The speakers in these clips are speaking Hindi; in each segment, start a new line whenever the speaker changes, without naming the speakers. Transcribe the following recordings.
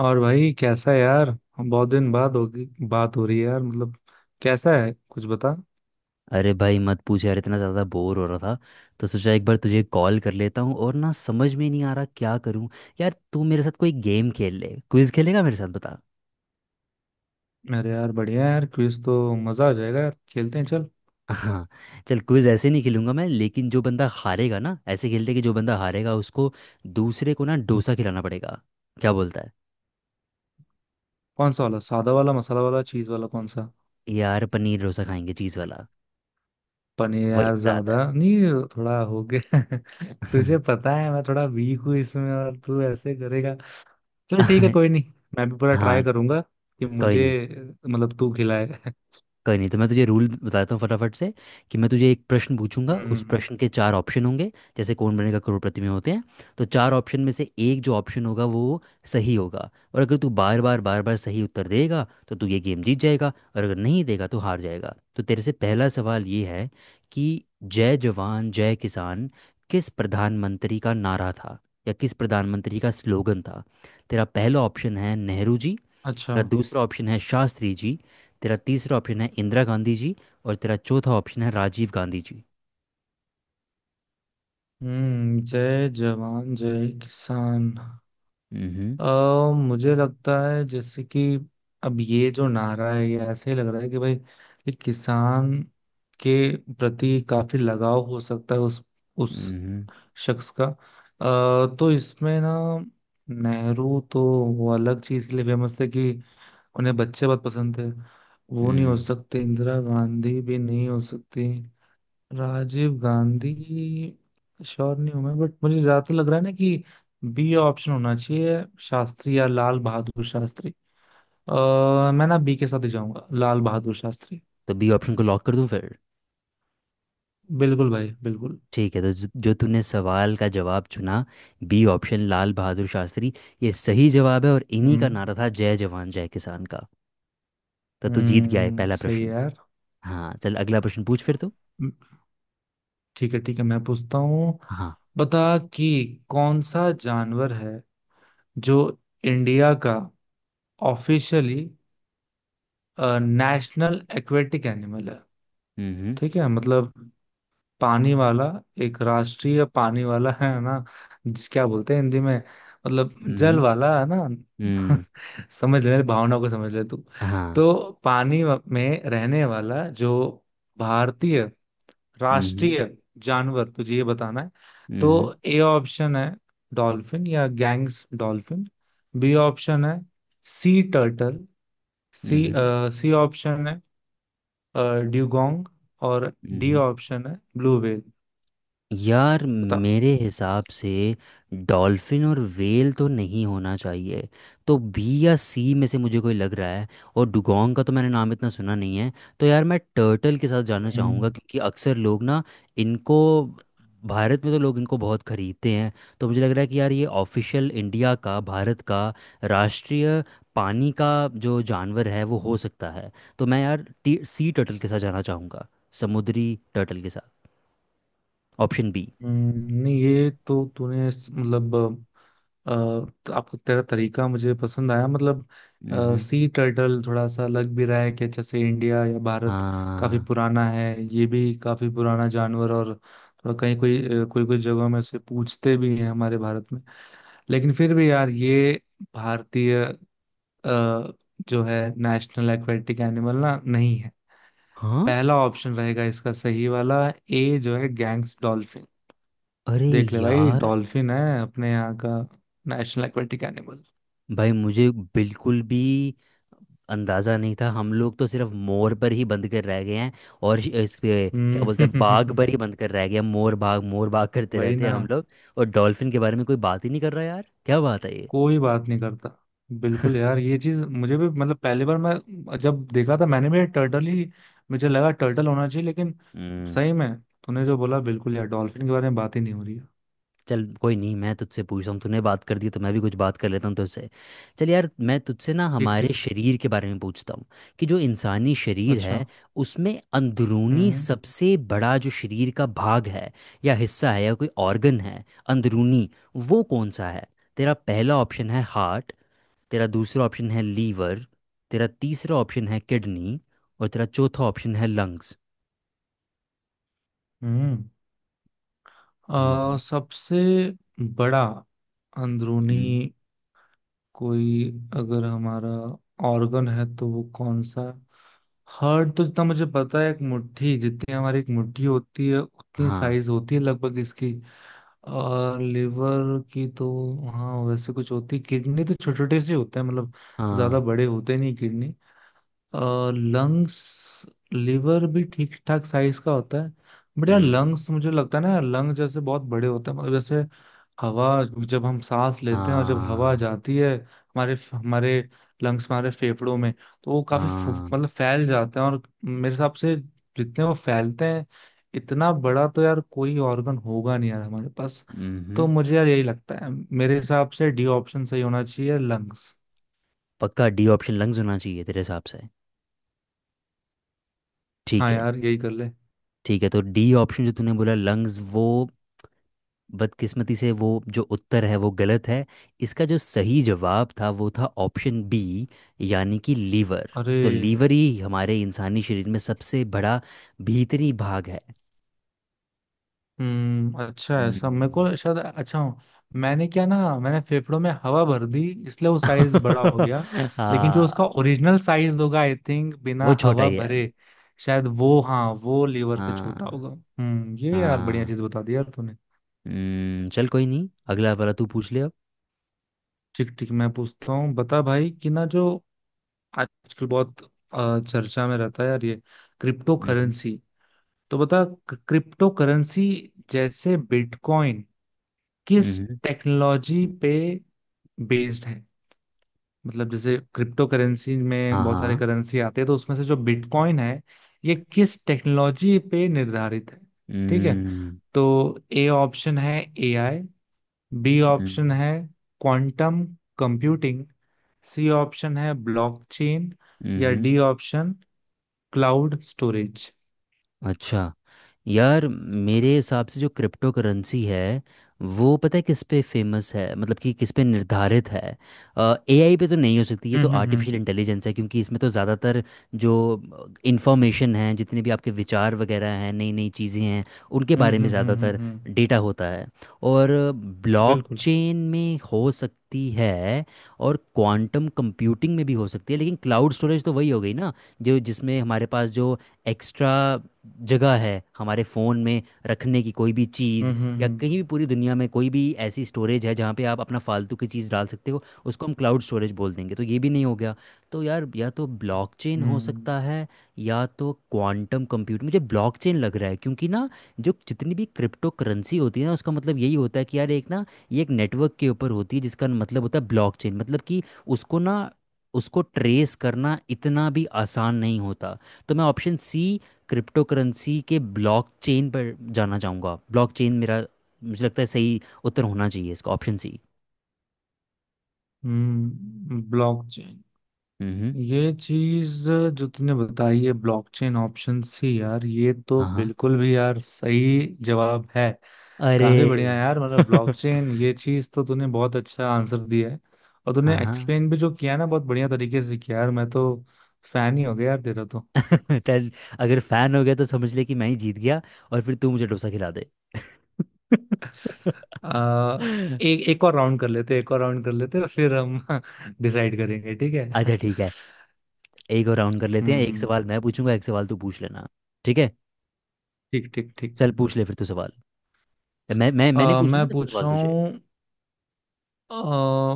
और भाई कैसा है यार। हम बहुत दिन बाद होगी बात हो रही है यार। मतलब कैसा है कुछ बता।
अरे भाई मत पूछ यार, इतना ज़्यादा बोर हो रहा था तो सोचा एक बार तुझे कॉल कर लेता हूँ। और ना, समझ में नहीं आ रहा क्या करूँ। यार तू मेरे साथ कोई गेम खेल ले, क्विज खेलेगा मेरे साथ? बता।
अरे यार बढ़िया है यार। क्विज तो मजा आ जाएगा यार। खेलते हैं चल।
हाँ चल, क्विज ऐसे नहीं खेलूंगा मैं, लेकिन जो बंदा हारेगा ना, ऐसे खेलते कि जो बंदा हारेगा उसको दूसरे को ना डोसा खिलाना पड़ेगा। क्या बोलता है?
कौन सा वाला? सादा वाला, मसाला वाला, चीज वाला? कौन सा?
यार पनीर डोसा खाएंगे, चीज़ वाला।
पनीर
वही
यार
मज़ा
ज्यादा
आता
नहीं। थोड़ा हो गया।
है।
तुझे पता है मैं थोड़ा वीक हूँ इसमें और तू ऐसे करेगा। चल ठीक है कोई नहीं। मैं भी पूरा ट्राई
हाँ।
करूंगा कि
कोई
मुझे,
नहीं।
मतलब तू खिलाए।
कोई नहीं, तो मैं तुझे रूल बताता हूँ फटाफट से कि मैं तुझे एक प्रश्न पूछूंगा, उस
हम्म।
प्रश्न के चार ऑप्शन होंगे, जैसे कौन बनेगा करोड़पति में होते हैं। तो चार ऑप्शन में से एक जो ऑप्शन होगा वो सही होगा। और अगर तू बार बार बार बार सही उत्तर देगा तो तू ये गेम जीत जाएगा, और अगर नहीं देगा तो हार जाएगा। तो तेरे से पहला सवाल ये है कि जय जवान जय किसान किस प्रधानमंत्री का नारा था, या किस प्रधानमंत्री का स्लोगन था। तेरा पहला ऑप्शन है नेहरू जी,
अच्छा।
तेरा दूसरा ऑप्शन है शास्त्री जी, तेरा तीसरा ऑप्शन है इंदिरा गांधी जी, और तेरा चौथा ऑप्शन है राजीव गांधी जी।
हम्म। जय जवान जय किसान।
हम्म।
अ, मुझे लगता है जैसे कि अब ये जो नारा है ये ऐसे ही लग रहा है कि भाई ये किसान के प्रति काफी लगाव हो सकता है उस
हम्म।
शख्स का। तो इसमें ना नेहरू तो वो अलग चीज के लिए फेमस थे कि उन्हें बच्चे बहुत पसंद थे। वो नहीं हो
हम्म।
सकते। इंदिरा गांधी भी नहीं हो सकती। राजीव गांधी श्योर नहीं हूं मैं, बट मुझे ज्यादा तो लग रहा है ना कि बी ऑप्शन होना चाहिए, शास्त्री या लाल बहादुर शास्त्री। मैं ना बी के साथ ही जाऊंगा, लाल बहादुर शास्त्री।
तो बी ऑप्शन को लॉक कर दूं फिर?
बिल्कुल भाई बिल्कुल।
ठीक है, तो जो जो तूने सवाल का जवाब चुना, बी ऑप्शन लाल बहादुर शास्त्री, ये सही जवाब है, और इन्हीं का
हम्म।
नारा था जय जवान जय किसान का। तो तू जीत गया है पहला
सही है
प्रश्न।
यार।
हाँ चल, अगला प्रश्न पूछ फिर तू।
ठीक है मैं पूछता हूँ।
हाँ।
बता कि कौन सा जानवर है जो इंडिया का ऑफिशियली नेशनल एक्वेटिक एनिमल है।
हम्म।
ठीक है मतलब पानी वाला, एक राष्ट्रीय पानी वाला है ना, क्या बोलते हैं हिंदी में, मतलब जल
हम्म।
वाला है ना।
हम्म।
समझ ले मेरी भावना को, समझ ले तू।
हाँ।
तो पानी में रहने वाला जो भारतीय
हम्म।
राष्ट्रीय जानवर, तुझे ये बताना है। तो
हम्म।
ए ऑप्शन है डॉल्फिन या गैंग्स डॉल्फिन। बी ऑप्शन है sea turtle. C, C option है ड्यूगोंग। और डी
हम्म।
ऑप्शन है ब्लू व्हेल।
यार
बता।
मेरे हिसाब से डॉल्फिन और व्हेल तो नहीं होना चाहिए। तो बी या सी में से मुझे कोई लग रहा है। और डुगोंग का तो मैंने नाम इतना सुना नहीं है। तो यार मैं टर्टल के साथ जाना चाहूँगा,
हम्म।
क्योंकि अक्सर लोग ना इनको, भारत में तो लोग इनको बहुत खरीदते हैं। तो मुझे लग रहा है कि यार ये ऑफिशियल इंडिया का, भारत का, राष्ट्रीय पानी का जो जानवर है वो हो सकता है। तो मैं यार सी टर्टल के साथ जाना चाहूँगा, समुद्री टर्टल के साथ, ऑप्शन बी।
हम्म। नहीं ये तो तूने मतलब अ, तो आपका तेरा तरीका मुझे पसंद आया। मतलब सी टर्टल थोड़ा सा लग भी रहा है कि जैसे इंडिया या भारत काफी
हाँ।
पुराना है, ये भी काफी पुराना जानवर और थोड़ा कहीं कोई कोई कोई जगहों में उसे पूछते भी हैं हमारे भारत में। लेकिन फिर भी यार ये भारतीय अ, जो है नेशनल एक्वेटिक एनिमल ना नहीं है।
हाँ।
पहला ऑप्शन रहेगा इसका सही वाला, ए जो है गैंग्स डॉल्फिन।
अरे
देख ले भाई
यार,
डॉल्फिन है अपने यहाँ का नेशनल एक्वेटिक एनिमल।
भाई मुझे बिल्कुल भी अंदाजा नहीं था। हम लोग तो सिर्फ मोर पर ही बंद कर रह गए हैं, और इस पे क्या बोलते हैं, बाघ
हम्म।
पर ही बंद कर रह गए हैं। मोर बाघ करते
वही
रहते
ना।
हैं हम लोग, और डॉल्फिन के बारे में कोई बात ही नहीं कर रहा। यार क्या बात है ये।
कोई बात नहीं करता बिल्कुल यार। ये चीज मुझे भी, मतलब पहली बार मैं जब देखा था मैंने भी टर्टल ही, मुझे लगा टर्टल होना चाहिए लेकिन
हम्म।
सही में तूने जो बोला, बिल्कुल यार, डॉल्फिन के बारे में बात ही नहीं हो रही है।
चल कोई नहीं, मैं तुझसे पूछ रहा हूँ, तूने बात कर दी तो मैं भी कुछ बात कर लेता हूँ तुझसे। चल यार, मैं तुझसे ना
ठीक
हमारे
ठीक।
शरीर के बारे में पूछता हूँ कि जो इंसानी शरीर
अच्छा।
है उसमें अंदरूनी
हम्म।
सबसे बड़ा जो शरीर का भाग है, या हिस्सा है, या कोई ऑर्गन है, अंदरूनी, वो कौन सा है? तेरा पहला ऑप्शन है हार्ट, तेरा दूसरा ऑप्शन है लीवर, तेरा तीसरा ऑप्शन है किडनी, और तेरा चौथा ऑप्शन है लंग्स।
हम्म।
हम्म।
सबसे बड़ा अंदरूनी
हम्म।
कोई अगर हमारा ऑर्गन है तो वो कौन सा? हार्ट तो जितना मुझे पता है एक मुट्ठी जितनी, हमारी एक मुट्ठी होती है उतनी
हाँ।
साइज होती है लगभग इसकी। और लिवर की तो हाँ वैसे कुछ होती। किडनी तो छोटे छोटे से होते हैं, मतलब ज्यादा
हाँ।
बड़े होते नहीं किडनी। लंग्स, लिवर भी ठीक ठाक साइज का होता है, बट यार
हम्म।
लंग्स मुझे लगता है ना, लंग जैसे बहुत बड़े होते हैं। मतलब जैसे हवा, जब हम सांस लेते हैं और जब हवा
हाँ।
जाती है हमारे हमारे लंग्स, हमारे फेफड़ों में, तो वो काफी
हाँ।
मतलब फैल जाते हैं। और मेरे हिसाब से जितने वो फैलते हैं, इतना बड़ा तो यार कोई ऑर्गन होगा नहीं यार हमारे पास। तो
हम्म।
मुझे यार यही लगता है, मेरे हिसाब से डी ऑप्शन सही होना चाहिए, लंग्स।
पक्का? डी ऑप्शन लंग्स होना चाहिए तेरे हिसाब से? ठीक
हाँ
है।
यार यही कर ले।
ठीक है, तो डी ऑप्शन जो तूने बोला लंग्स, वो बदकिस्मती से वो जो उत्तर है वो गलत है। इसका जो सही जवाब था वो था ऑप्शन बी, यानी कि लीवर।
अरे।
तो लीवर ही हमारे इंसानी शरीर में सबसे बड़ा भीतरी भाग है।
अच्छा है, सब मेरे
हम्म।
को शायद अच्छा हूँ। मैंने क्या ना, मैंने फेफड़ों में हवा भर दी, इसलिए वो साइज बड़ा हो गया। लेकिन जो
हाँ।
उसका ओरिजिनल साइज होगा आई थिंक बिना
वो छोटा
हवा
ही है।
भरे, शायद वो, हाँ वो लीवर से छोटा
हाँ।
होगा। ये यार बढ़िया
हाँ।
चीज बता दी यार तूने।
हम्म। चल कोई नहीं, अगला वाला तू पूछ ले अब।
ठीक ठीक मैं पूछता हूँ। बता भाई कि ना जो आजकल बहुत चर्चा में रहता है यार ये क्रिप्टो करेंसी, तो बता क्रिप्टो करेंसी जैसे बिटकॉइन किस
हम्म।
टेक्नोलॉजी पे बेस्ड है। मतलब जैसे क्रिप्टो करेंसी में
हाँ।
बहुत सारे
हाँ।
करेंसी आते हैं, तो उसमें से जो बिटकॉइन है ये किस टेक्नोलॉजी पे निर्धारित है। ठीक है,
हम्म।
तो ए ऑप्शन है एआई, बी ऑप्शन
हम्म।
है क्वांटम कंप्यूटिंग, सी ऑप्शन है ब्लॉकचेन, या
हम्म।
D option cloud storage.
अच्छा। यार मेरे हिसाब से जो क्रिप्टो करेंसी है वो, पता है किस पे फेमस है, मतलब कि किस पे निर्धारित है? एआई पे तो नहीं हो सकती, ये तो
हम्म।
आर्टिफिशियल
हम्म।
इंटेलिजेंस है, क्योंकि इसमें तो ज़्यादातर जो इंफॉर्मेशन है, जितने भी आपके विचार वगैरह हैं, नई नई चीज़ें हैं, उनके
हम्म।
बारे में
हम्म। हम्म।
ज़्यादातर
हम्म।
डेटा होता है। और
बिल्कुल।
ब्लॉकचेन में हो सकती है, और क्वांटम कंप्यूटिंग में भी हो सकती है, लेकिन क्लाउड स्टोरेज तो वही हो गई ना, जो जिसमें हमारे पास जो एक्स्ट्रा जगह है हमारे फ़ोन में, रखने की कोई भी
हम्म
चीज़, या
हम्म
कहीं भी पूरी दुनिया में कोई भी ऐसी स्टोरेज है जहाँ पे आप अपना फालतू की चीज़ डाल सकते हो उसको हम क्लाउड स्टोरेज बोल देंगे। तो ये भी नहीं हो गया। तो यार या तो ब्लॉकचेन हो
हम्म।
सकता है या तो क्वांटम कंप्यूटर। मुझे ब्लॉकचेन लग रहा है, क्योंकि ना जो जितनी भी क्रिप्टो करेंसी होती है ना, उसका मतलब यही होता है कि यार, एक ना, ये एक नेटवर्क के ऊपर होती है, जिसका मतलब होता है ब्लॉकचेन, मतलब कि उसको ना, उसको ट्रेस करना इतना भी आसान नहीं होता। तो मैं ऑप्शन सी, क्रिप्टो करेंसी के ब्लॉकचेन पर जाना चाहूँगा। ब्लॉकचेन मेरा, मुझे लगता है सही उत्तर होना चाहिए इसका, ऑप्शन सी।
हम्म। ब्लॉकचेन,
हम्म।
ये चीज जो तूने बताई है ब्लॉकचेन ऑप्शंस ही यार, ये तो
हाँ हाँ।
बिल्कुल भी यार सही जवाब है। काफी बढ़िया
अरे।
यार, मतलब ब्लॉकचेन ये चीज तो तूने बहुत अच्छा आंसर दिया है। और तूने
हाँ हाँ।
एक्सप्लेन भी जो किया ना बहुत बढ़िया तरीके से किया यार, मैं तो फैन ही हो गया यार तेरा तो।
चल, अगर फैन हो गया तो समझ ले कि मैं ही जीत गया, और फिर तू मुझे डोसा खिला दे।
आ, एक एक और राउंड कर लेते, एक और राउंड कर लेते फिर हम डिसाइड करेंगे ठीक है।
अच्छा ठीक है, एक और राउंड कर लेते हैं। एक
हम्म।
सवाल मैं पूछूंगा, एक सवाल तू पूछ लेना। ठीक है।
ठीक ठीक ठीक।
चल पूछ ले फिर तू सवाल। मैं मैंने पूछा ना
मैं
वैसे
पूछ
सवाल
रहा
तुझे।
हूँ, अ,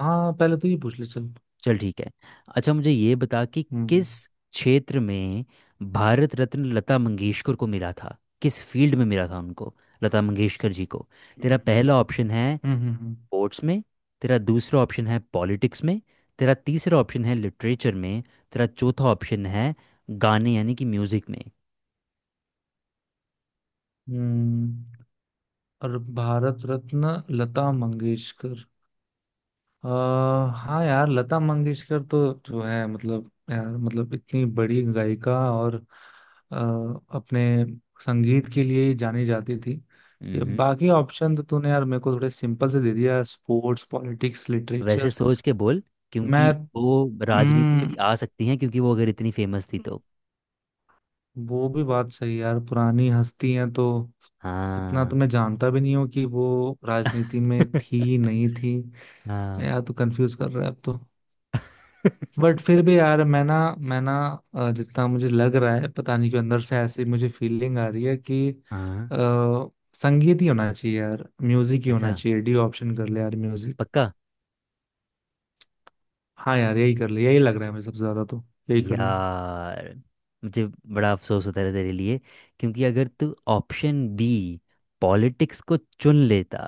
हाँ पहले तू ही पूछ ले चल।
चल ठीक है, अच्छा मुझे ये बता कि
हम्म
किस क्षेत्र में भारत रत्न लता मंगेशकर को मिला था, किस फील्ड में मिला था उनको, लता मंगेशकर जी को।
हम्म
तेरा पहला ऑप्शन है
हम्म।
स्पोर्ट्स में, तेरा दूसरा ऑप्शन है पॉलिटिक्स में, तेरा तीसरा ऑप्शन है लिटरेचर में, तेरा चौथा ऑप्शन है गाने, यानी कि म्यूजिक में।
हम्म। और भारत रत्न लता मंगेशकर, आ, हाँ यार लता मंगेशकर तो जो है, मतलब यार, मतलब इतनी बड़ी गायिका और अ, अपने संगीत के लिए ही जानी जाती थी। ये
हम्म।
बाकी ऑप्शन तो तूने यार मेरे को थोड़े सिंपल से दे दिया, स्पोर्ट्स, पॉलिटिक्स,
वैसे
लिटरेचर।
सोच के बोल,
मैं
क्योंकि वो राजनीति में
हम्म,
भी आ सकती हैं, क्योंकि वो अगर इतनी फेमस थी तो।
वो भी बात सही है यार, पुरानी हस्ती हैं तो इतना तो
हाँ।
मैं जानता भी नहीं हूँ कि वो राजनीति में थी नहीं थी।
हाँ।
यार तो कंफ्यूज कर रहा है अब तो, बट फिर भी यार मैं ना, जितना मुझे लग रहा है पता नहीं क्यों, अंदर से ऐसी मुझे फीलिंग आ रही है कि
हाँ।
आ, संगीत ही होना चाहिए यार, म्यूजिक ही
अच्छा।
होना चाहिए। डी ऑप्शन कर ले यार म्यूजिक।
पक्का?
हाँ यार यही कर ले, यही लग रहा है मुझे सबसे ज्यादा तो, यही कर ले।
यार मुझे बड़ा अफसोस होता है तेरे लिए, क्योंकि अगर तू ऑप्शन बी पॉलिटिक्स को चुन लेता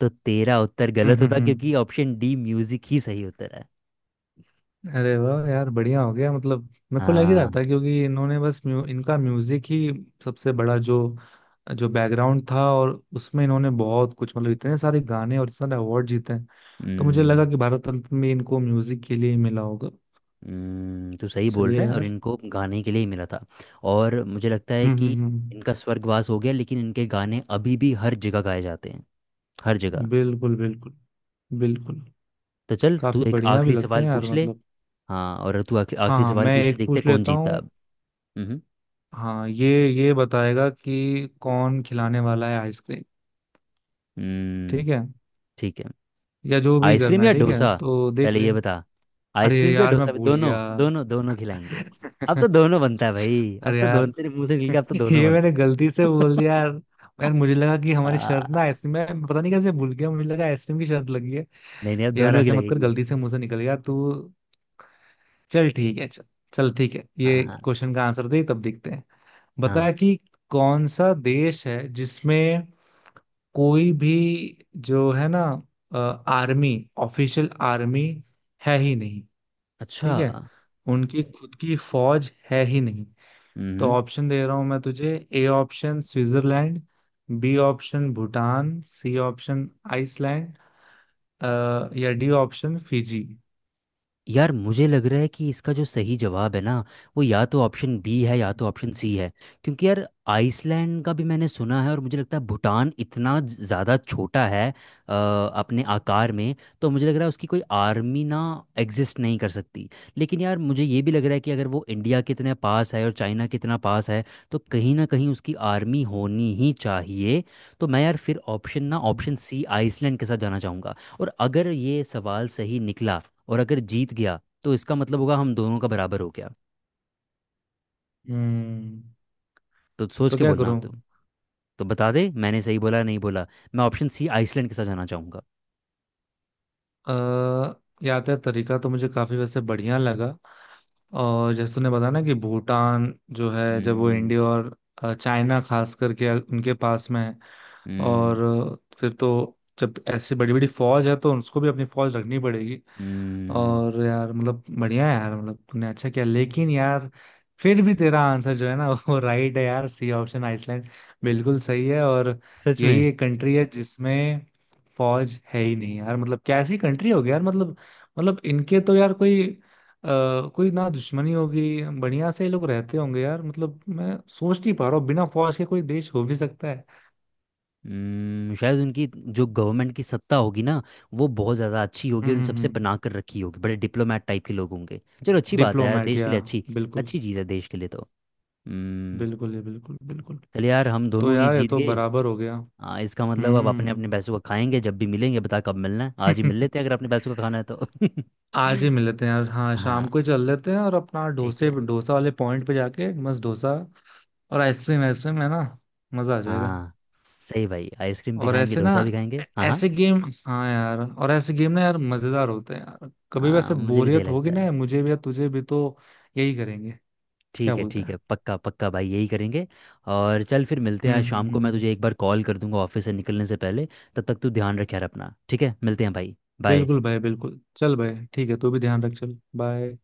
तो तेरा उत्तर
हम्म।
गलत
हम्म।
होता,
हम्म।
क्योंकि ऑप्शन डी म्यूजिक ही सही उत्तर है।
अरे वाह यार बढ़िया हो गया। मतलब मेरे को लग ही रहा
हाँ।
था क्योंकि इन्होंने बस इनका म्यूजिक ही सबसे बड़ा जो, जो बैकग्राउंड था, और उसमें इन्होंने बहुत कुछ, मतलब इतने सारे गाने और इतने सारे अवार्ड जीते हैं। तो मुझे लगा
हम्म।
कि भारत रत्न में इनको म्यूजिक के लिए ही मिला होगा।
तू सही बोल
सही है
रहा है, और
यार।
इनको गाने के लिए ही मिला था। और मुझे लगता है
हम्म।
कि
हम्म। हम्म।
इनका स्वर्गवास हो गया, लेकिन इनके गाने अभी भी हर जगह गाए जाते हैं, हर जगह।
बिल्कुल। बिल्कुल। बिल्कुल।
तो चल तू
काफी
एक
बढ़िया भी
आखिरी
लगते
सवाल
हैं यार
पूछ ले।
मतलब।
हाँ, और तू आखिरी
हाँ
आखिरी
हाँ,
सवाल
मैं
पूछ ले,
एक
देखते हैं
पूछ
कौन
लेता
जीता।
हूँ।
हम्म।
हाँ ये बताएगा कि कौन खिलाने वाला है आइसक्रीम।
हम्म।
ठीक है
ठीक है।
या जो भी करना
आइसक्रीम
है,
या
ठीक है
डोसा,
तो देख
पहले
ले।
ये बता।
अरे
आइसक्रीम या
यार मैं
डोसा भी,
भूल
दोनों
गया।
दोनों दोनों खिलाएंगे। अब तो दोनों बनता है भाई, अब
अरे
तो
यार।
दोनों तेरे मुंह से निकल के अब तो दोनों
ये
बनता
मैंने गलती से बोल दिया यार।
है।
यार मुझे लगा कि हमारी शर्त ना
आ,
आइसक्रीम में, मैं पता नहीं कैसे भूल गया, मुझे लगा आइसक्रीम की शर्त लगी है।
नहीं नहीं, अब
यार
दोनों की
ऐसे मत कर,
लगेगी।
गलती से मुंह से निकल गया तू। चल ठीक है चल, चल ठीक है
हाँ।
ये
हाँ।
क्वेश्चन का आंसर दे, तब देखते हैं।
हाँ।
बता कि कौन सा देश है जिसमें कोई भी जो है ना आर्मी, ऑफिशियल आर्मी है ही नहीं।
अच्छा।
ठीक है, उनकी खुद की फौज है ही नहीं। तो
हम्म।
ऑप्शन दे रहा हूं मैं तुझे। A option Switzerland, B option Bhutan, C option Iceland, अ, या डी ऑप्शन फिजी।
यार मुझे लग रहा है कि इसका जो सही जवाब है ना, वो या तो ऑप्शन बी है या तो ऑप्शन सी है। क्योंकि यार आइसलैंड का भी मैंने सुना है, और मुझे लगता है भूटान इतना ज़्यादा छोटा है, अपने आकार में। तो मुझे लग रहा है उसकी कोई आर्मी ना एग्जिस्ट नहीं कर सकती। लेकिन यार मुझे ये भी लग रहा है कि अगर वो इंडिया कितने पास है और चाइना कितना पास है, तो कहीं ना कहीं उसकी आर्मी होनी ही चाहिए। तो मैं यार फिर ऑप्शन सी आइसलैंड के साथ जाना चाहूँगा। और अगर ये सवाल सही निकला और अगर जीत गया, तो इसका मतलब होगा हम दोनों का बराबर हो गया।
हम्म।
तो सोच
तो
के
क्या
बोलना आप,
करूं?
तुम। तो बता दे मैंने सही बोला नहीं बोला। मैं ऑप्शन सी आइसलैंड के साथ जाना चाहूँगा।
अ, यात्रा तरीका तो मुझे काफी वैसे बढ़िया लगा। और जैसे तूने बताया ना कि भूटान जो है जब वो
हम्म।
इंडिया और चाइना, खास करके उनके पास में है,
हम्म।
और फिर तो जब ऐसी बड़ी बड़ी फौज है तो उसको भी अपनी फौज रखनी पड़ेगी।
हम्म।
और यार मतलब बढ़िया है यार, मतलब तूने अच्छा किया लेकिन यार फिर भी तेरा आंसर जो है ना वो राइट है यार, सी ऑप्शन आइसलैंड बिल्कुल सही है। और
सच
यही
में?
एक कंट्री है जिसमें फौज है ही नहीं यार। मतलब कैसी कंट्री होगी यार, मतलब मतलब इनके तो यार कोई आ, कोई ना दुश्मनी होगी, बढ़िया से ये लोग रहते होंगे यार। मतलब मैं सोच नहीं पा रहा हूँ बिना फौज के कोई देश हो भी सकता है।
हम्म, शायद उनकी जो गवर्नमेंट की सत्ता होगी ना, वो बहुत ज़्यादा अच्छी होगी
हम्म।
और उन
हम्म।
सबसे
हम्म।
पनाह कर रखी होगी। बड़े डिप्लोमेट टाइप के लोग होंगे। चलो अच्छी बात है यार,
डिप्लोमेट
देश के
या
लिए अच्छी,
बिल्कुल
अच्छी चीज़ है देश के लिए तो। हम्म।
बिल्कुल, ये बिल्कुल बिल्कुल।
चल यार, हम
तो
दोनों ही
यार ये
जीत
तो
गए।
बराबर हो गया।
हाँ, इसका मतलब अब अपने अपने
हम्म।
पैसों का खाएंगे। जब भी मिलेंगे बता कब मिलना है, आज ही मिल लेते हैं अगर अपने पैसों का खाना है तो।
आज ही मिल लेते हैं यार, हाँ शाम
हाँ।
को ही चल लेते हैं और अपना
ठीक
डोसे,
है।
डोसा वाले पॉइंट पे जाके मस्त डोसा। और आइसक्रीम, आइसक्रीम है ना, मजा आ जाएगा।
हाँ सही भाई, आइसक्रीम भी
और
खाएंगे
ऐसे ना,
डोसा भी खाएंगे। हाँ हाँ।
ऐसे गेम, हाँ यार और ऐसे गेम ना यार मजेदार होते हैं यार, कभी
हाँ,
वैसे
मुझे भी सही
बोरियत होगी
लगता है।
ना मुझे भी या तुझे भी तो यही करेंगे। क्या
ठीक है
बोलते
ठीक है,
हैं।
पक्का पक्का भाई, यही करेंगे। और चल फिर मिलते हैं
हम्म।
आज
हम्म।
शाम को। मैं
हम्म।
तुझे एक बार कॉल कर दूंगा ऑफिस से निकलने से पहले। तब तक तू ध्यान रखे यार अपना। ठीक है, मिलते हैं भाई। बाय।
बिल्कुल भाई बिल्कुल, चल भाई ठीक है, तू भी ध्यान रख, चल बाय।